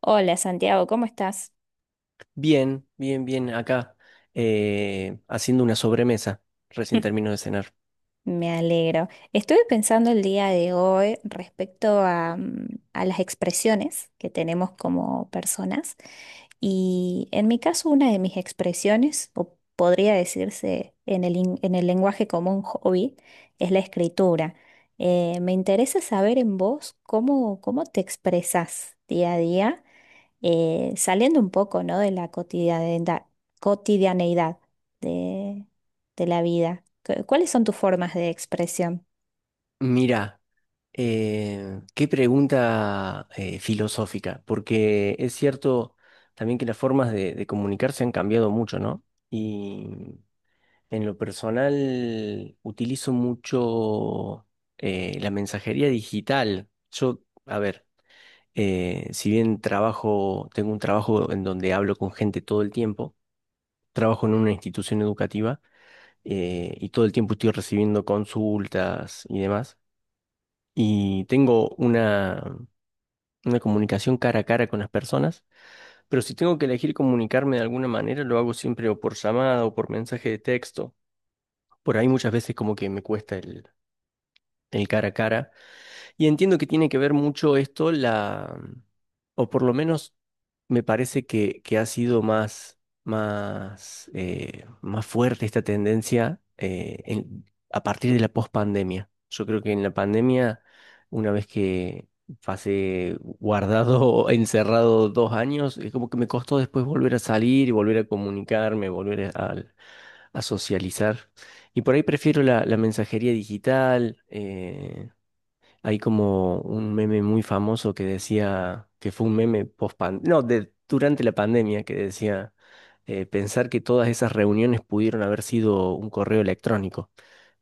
Hola Santiago, ¿cómo estás? Bien, bien, bien, acá, haciendo una sobremesa. Recién termino de cenar. Me alegro. Estuve pensando el día de hoy respecto a, a las expresiones que tenemos como personas, y en mi caso una de mis expresiones, o podría decirse en el, en el lenguaje común, hobby, es la escritura. Me interesa saber en vos cómo, cómo te expresas día a día, saliendo un poco, ¿no?, de la cotidianeidad, cotidianeidad de, de la vida. ¿Cuáles son tus formas de expresión? Mira, qué pregunta filosófica, porque es cierto también que las formas de comunicarse han cambiado mucho, ¿no? Y en lo personal utilizo mucho la mensajería digital. Yo, a ver, si bien trabajo, tengo un trabajo en donde hablo con gente todo el tiempo, trabajo en una institución educativa. Y todo el tiempo estoy recibiendo consultas y demás. Y tengo una comunicación cara a cara con las personas, pero si tengo que elegir comunicarme de alguna manera, lo hago siempre o por llamada o por mensaje de texto. Por ahí muchas veces como que me cuesta el cara a cara. Y entiendo que tiene que ver mucho esto, o por lo menos me parece que ha sido más, más fuerte esta tendencia a partir de la pospandemia. Yo creo que en la pandemia, una vez que pasé guardado, o encerrado dos años, es como que me costó después volver a salir y volver a comunicarme, a socializar. Y por ahí prefiero la mensajería digital. Hay como un meme muy famoso que decía, que fue un meme post pan- no, de, durante la pandemia, que decía pensar que todas esas reuniones pudieron haber sido un correo electrónico.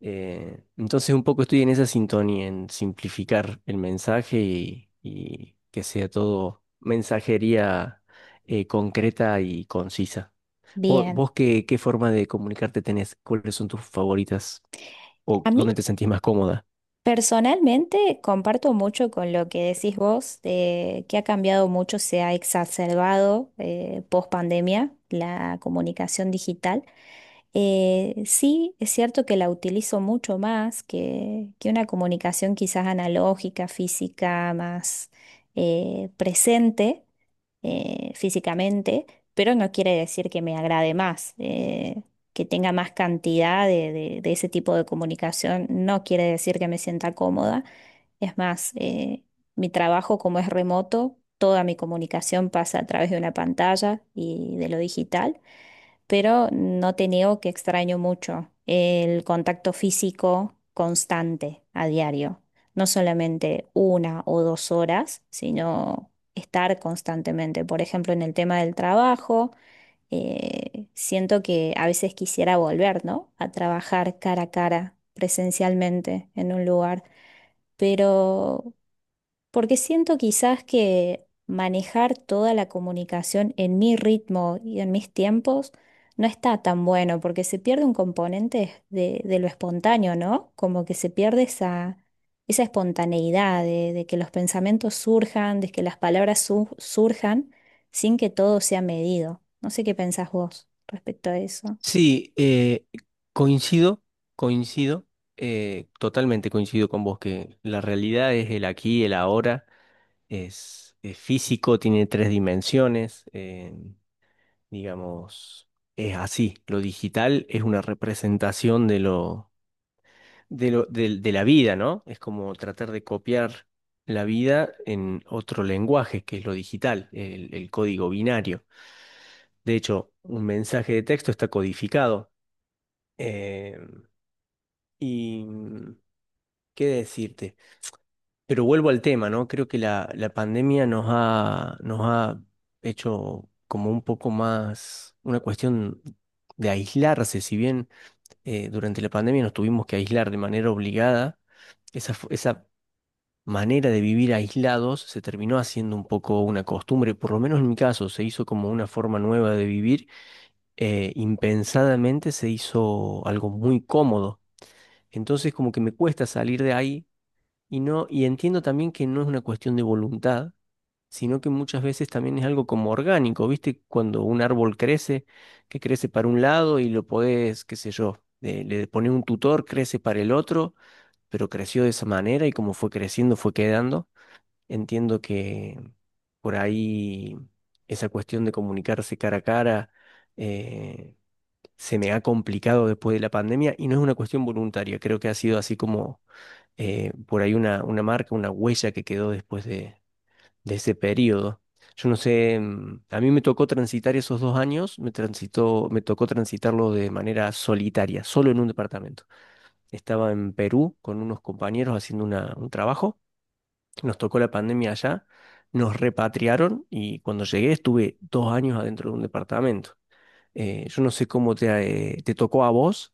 Entonces un poco estoy en esa sintonía, en simplificar el mensaje y que sea todo mensajería concreta y concisa. Bien. Vos qué, qué forma de comunicarte tenés? ¿Cuáles son tus favoritas? ¿O A mí, dónde te sentís más cómoda? personalmente, comparto mucho con lo que decís vos, de que ha cambiado mucho, se ha exacerbado, post pandemia, la comunicación digital. Sí, es cierto que la utilizo mucho más que una comunicación quizás analógica, física, más, presente físicamente, pero no quiere decir que me agrade más, que tenga más cantidad de, de ese tipo de comunicación, no quiere decir que me sienta cómoda. Es más, mi trabajo, como es remoto, toda mi comunicación pasa a través de una pantalla y de lo digital, pero no te niego que extraño mucho el contacto físico constante a diario. No solamente una o dos horas, sino estar constantemente. Por ejemplo, en el tema del trabajo, siento que a veces quisiera volver, ¿no?, a trabajar cara a cara, presencialmente, en un lugar. Pero, porque siento quizás que manejar toda la comunicación en mi ritmo y en mis tiempos no está tan bueno, porque se pierde un componente de lo espontáneo, ¿no? Como que se pierde esa, esa espontaneidad de que los pensamientos surjan, de que las palabras surjan sin que todo sea medido. No sé qué pensás vos respecto a eso. Sí, coincido, coincido, totalmente coincido con vos que la realidad es el aquí, el ahora, es físico, tiene tres dimensiones, digamos, es así. Lo digital es una representación de lo, de la vida, ¿no? Es como tratar de copiar la vida en otro lenguaje, que es lo digital, el código binario. De hecho, un mensaje de texto está codificado. eh, Y mm, qué decirte. Pero vuelvo al tema, ¿no? Creo que la pandemia nos ha hecho como un poco más una cuestión de aislarse. Si bien durante la pandemia nos tuvimos que aislar de manera obligada, esa manera de vivir aislados se terminó haciendo un poco una costumbre, por lo menos en mi caso, se hizo como una forma nueva de vivir, impensadamente se hizo algo muy cómodo. Entonces como que me cuesta salir de ahí y no, y entiendo también que no es una cuestión de voluntad, sino que muchas veces también es algo como orgánico, ¿viste? Cuando un árbol crece, que crece para un lado y lo podés, qué sé yo, le pones un tutor, crece para el otro, pero creció de esa manera y como fue creciendo, fue quedando. Entiendo que por ahí esa cuestión de comunicarse cara a cara eh, se me ha complicado después de la pandemia y no es una cuestión voluntaria, creo que ha sido así como por ahí una marca, una huella que quedó después de ese periodo. Yo no sé, mm, a mí me tocó transitar esos dos años, me transitó, me tocó transitarlo de manera solitaria, solo en un departamento. Estaba en Perú con unos compañeros haciendo un trabajo, nos tocó la pandemia allá, nos repatriaron y cuando llegué estuve dos años adentro de un departamento. Yo no sé cómo te tocó a vos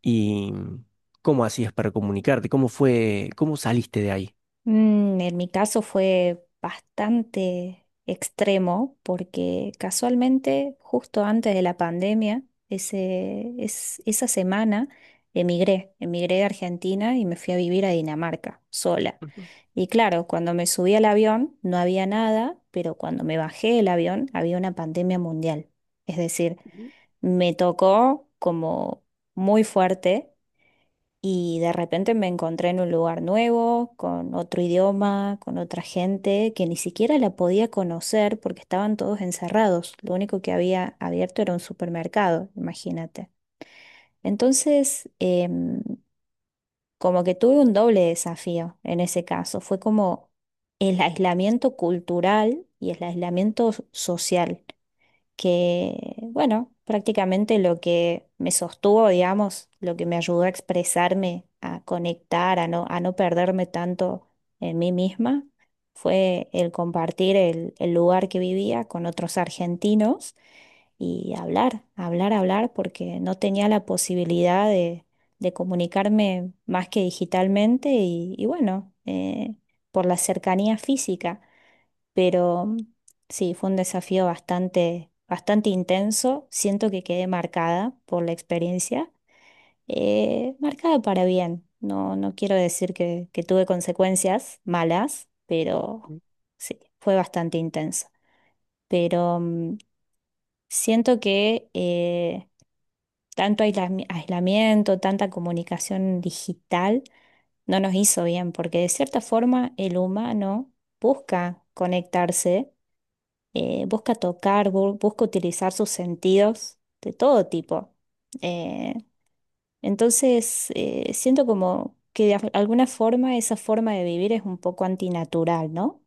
y mm, cómo hacías para comunicarte, cómo fue, cómo saliste de ahí. En mi caso fue bastante extremo porque, casualmente, justo antes de la pandemia, ese, es, esa semana emigré, emigré de Argentina y me fui a vivir a Dinamarca sola. Ujú. Y claro, cuando me subí al avión no había nada, pero cuando me bajé del avión había una pandemia mundial. Es decir, me tocó como muy fuerte y de repente me encontré en un lugar nuevo, con otro idioma, con otra gente que ni siquiera la podía conocer porque estaban todos encerrados. Lo único que había abierto era un supermercado, imagínate. Entonces, como que tuve un doble desafío en ese caso. Fue como el aislamiento cultural y el aislamiento social que, bueno, prácticamente lo que me sostuvo, digamos, lo que me ayudó a expresarme, a conectar, a no perderme tanto en mí misma, fue el compartir el lugar que vivía con otros argentinos y hablar, hablar, hablar, porque no tenía la posibilidad de comunicarme más que digitalmente y bueno, por la cercanía física. Pero sí, fue un desafío bastante, bastante intenso. Siento que quedé marcada por la experiencia, marcada para bien. No, no quiero decir que tuve consecuencias malas, pero sí, fue bastante intenso. Pero siento que tanto aislamiento, tanta comunicación digital, no nos hizo bien, porque de cierta forma el humano busca conectarse, busca tocar, busca utilizar sus sentidos de todo tipo. Eh, entonces, siento como que de alguna forma esa forma de vivir es un poco antinatural, ¿no?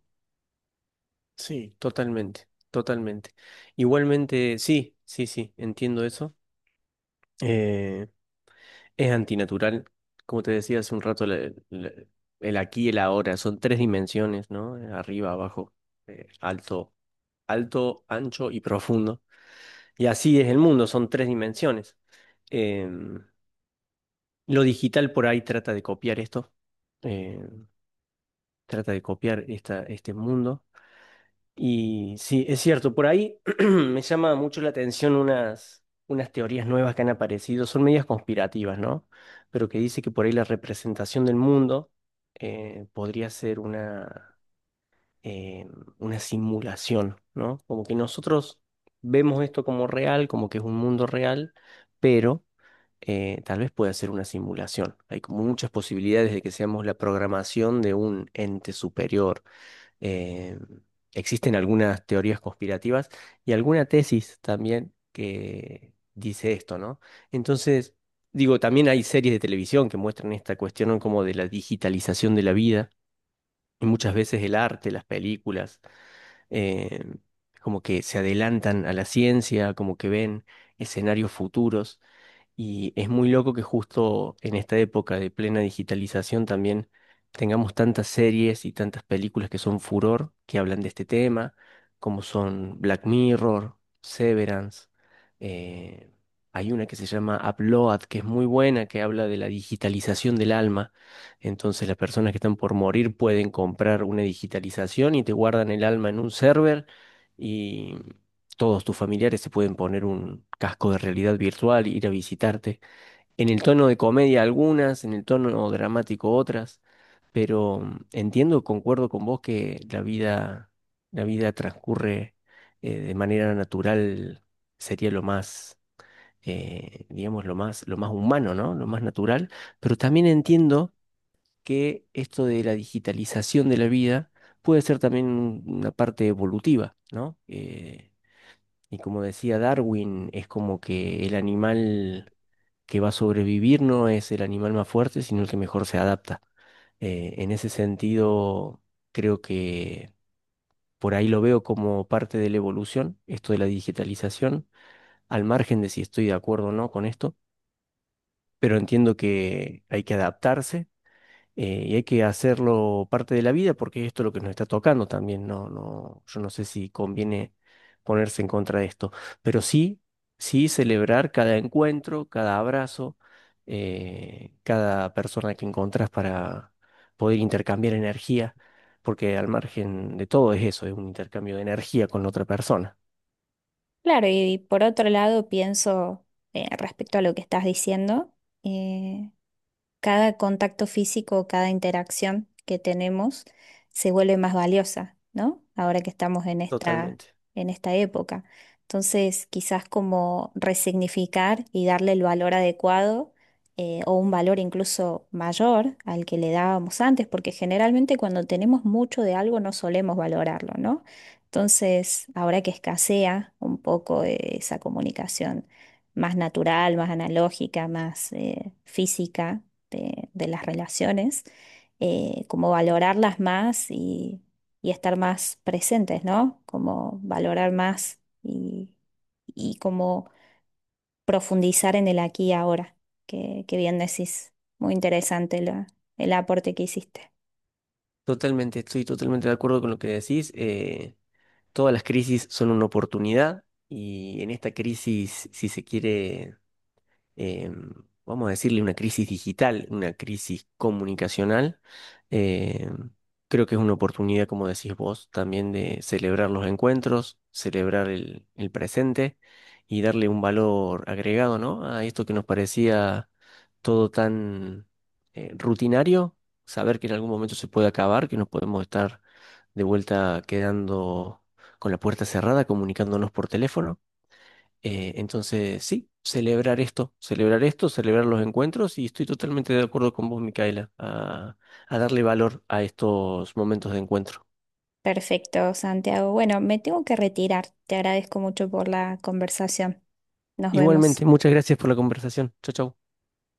Sí, totalmente, totalmente. Igualmente, sí, sí, sí, entiendo eso. Eh, es antinatural, como te decía hace un rato, el aquí y el ahora, son tres dimensiones, ¿no? Arriba, abajo, alto, alto, ancho y profundo. Y así es el mundo, son tres dimensiones. Em, lo digital por ahí trata de copiar esto, eh, trata de copiar este mundo. Y sí, es cierto, por ahí me llama mucho la atención unas teorías nuevas que han aparecido, son medias conspirativas, ¿no? Pero que dice que por ahí la representación del mundo podría ser eh, una simulación, ¿no? Como que nosotros vemos esto como real, como que es un mundo real, pero tal vez pueda ser una simulación. Hay como muchas posibilidades de que seamos la programación de un ente superior, eh, existen algunas teorías conspirativas y alguna tesis también que dice esto, ¿no? Entonces, digo, también hay series de televisión que muestran esta cuestión, ¿no? Como de la digitalización de la vida y muchas veces el arte, las películas, eh, como que se adelantan a la ciencia, como que ven escenarios futuros. Y es muy loco que justo en esta época de plena digitalización también tengamos tantas series y tantas películas que son furor, que hablan de este tema, como son Black Mirror, Severance. eh, Hay una que se llama Upload, que es muy buena, que habla de la digitalización del alma. Entonces las personas que están por morir pueden comprar una digitalización y te guardan el alma en un server, todos tus familiares se pueden poner un casco de realidad virtual, ir a visitarte. En el tono de comedia algunas, en el tono dramático otras, pero mm, entiendo, concuerdo con vos que la vida transcurre de manera natural, sería lo más, digamos, lo más humano, ¿no? Lo más natural, pero también entiendo que esto de la digitalización de la vida puede ser también una parte evolutiva, ¿no? Y como decía Darwin, es como que el animal que va a sobrevivir no es el animal más fuerte, sino el que mejor se adapta. En ese sentido, creo que por ahí lo veo como parte de la evolución, esto de la digitalización, al margen de si estoy de acuerdo o no con esto, pero entiendo que hay que adaptarse y hay que hacerlo parte de la vida porque esto es lo que nos está tocando también. No, no, yo no sé si conviene ponerse en contra de esto, pero sí, sí, celebrar cada encuentro, cada abrazo, cada persona que encontrás para poder intercambiar energía, porque al margen de todo es eso, es un intercambio de energía con la otra persona. Claro, y por otro lado pienso, respecto a lo que estás diciendo. eh, Cada contacto físico, cada interacción que tenemos se vuelve más valiosa, ¿no? Ahora que estamos Totalmente, en esta época. Entonces, quizás como resignificar y darle el valor adecuado, o un valor incluso mayor al que le dábamos antes, porque generalmente cuando tenemos mucho de algo no solemos valorarlo, ¿no? Entonces, ahora que escasea un poco, esa comunicación más natural, más analógica, más, física, de las relaciones, como valorarlas más y estar más presentes, ¿no? Como valorar más y como profundizar en el aquí y ahora, que bien decís. Muy interesante el aporte que hiciste. totalmente, estoy totalmente de acuerdo con lo que decís. Todas las crisis son una oportunidad y en esta crisis, si se quiere, eh, vamos a decirle, una crisis digital, una crisis comunicacional. eh, Creo que es una oportunidad, como decís vos, también de celebrar los encuentros, celebrar el presente y darle un valor agregado, ¿no? A esto que nos parecía todo tan rutinario, saber que en algún momento se puede acabar, que nos podemos estar de vuelta quedando con la puerta cerrada, comunicándonos por teléfono. Entonces, sí, celebrar esto, celebrar esto, celebrar los encuentros y estoy totalmente de acuerdo con vos, Micaela, a darle valor a estos momentos de encuentro. Perfecto, Santiago. Bueno, me tengo que retirar. Te agradezco mucho por la conversación. Nos vemos. Igualmente, muchas gracias por la conversación. Chau, chau.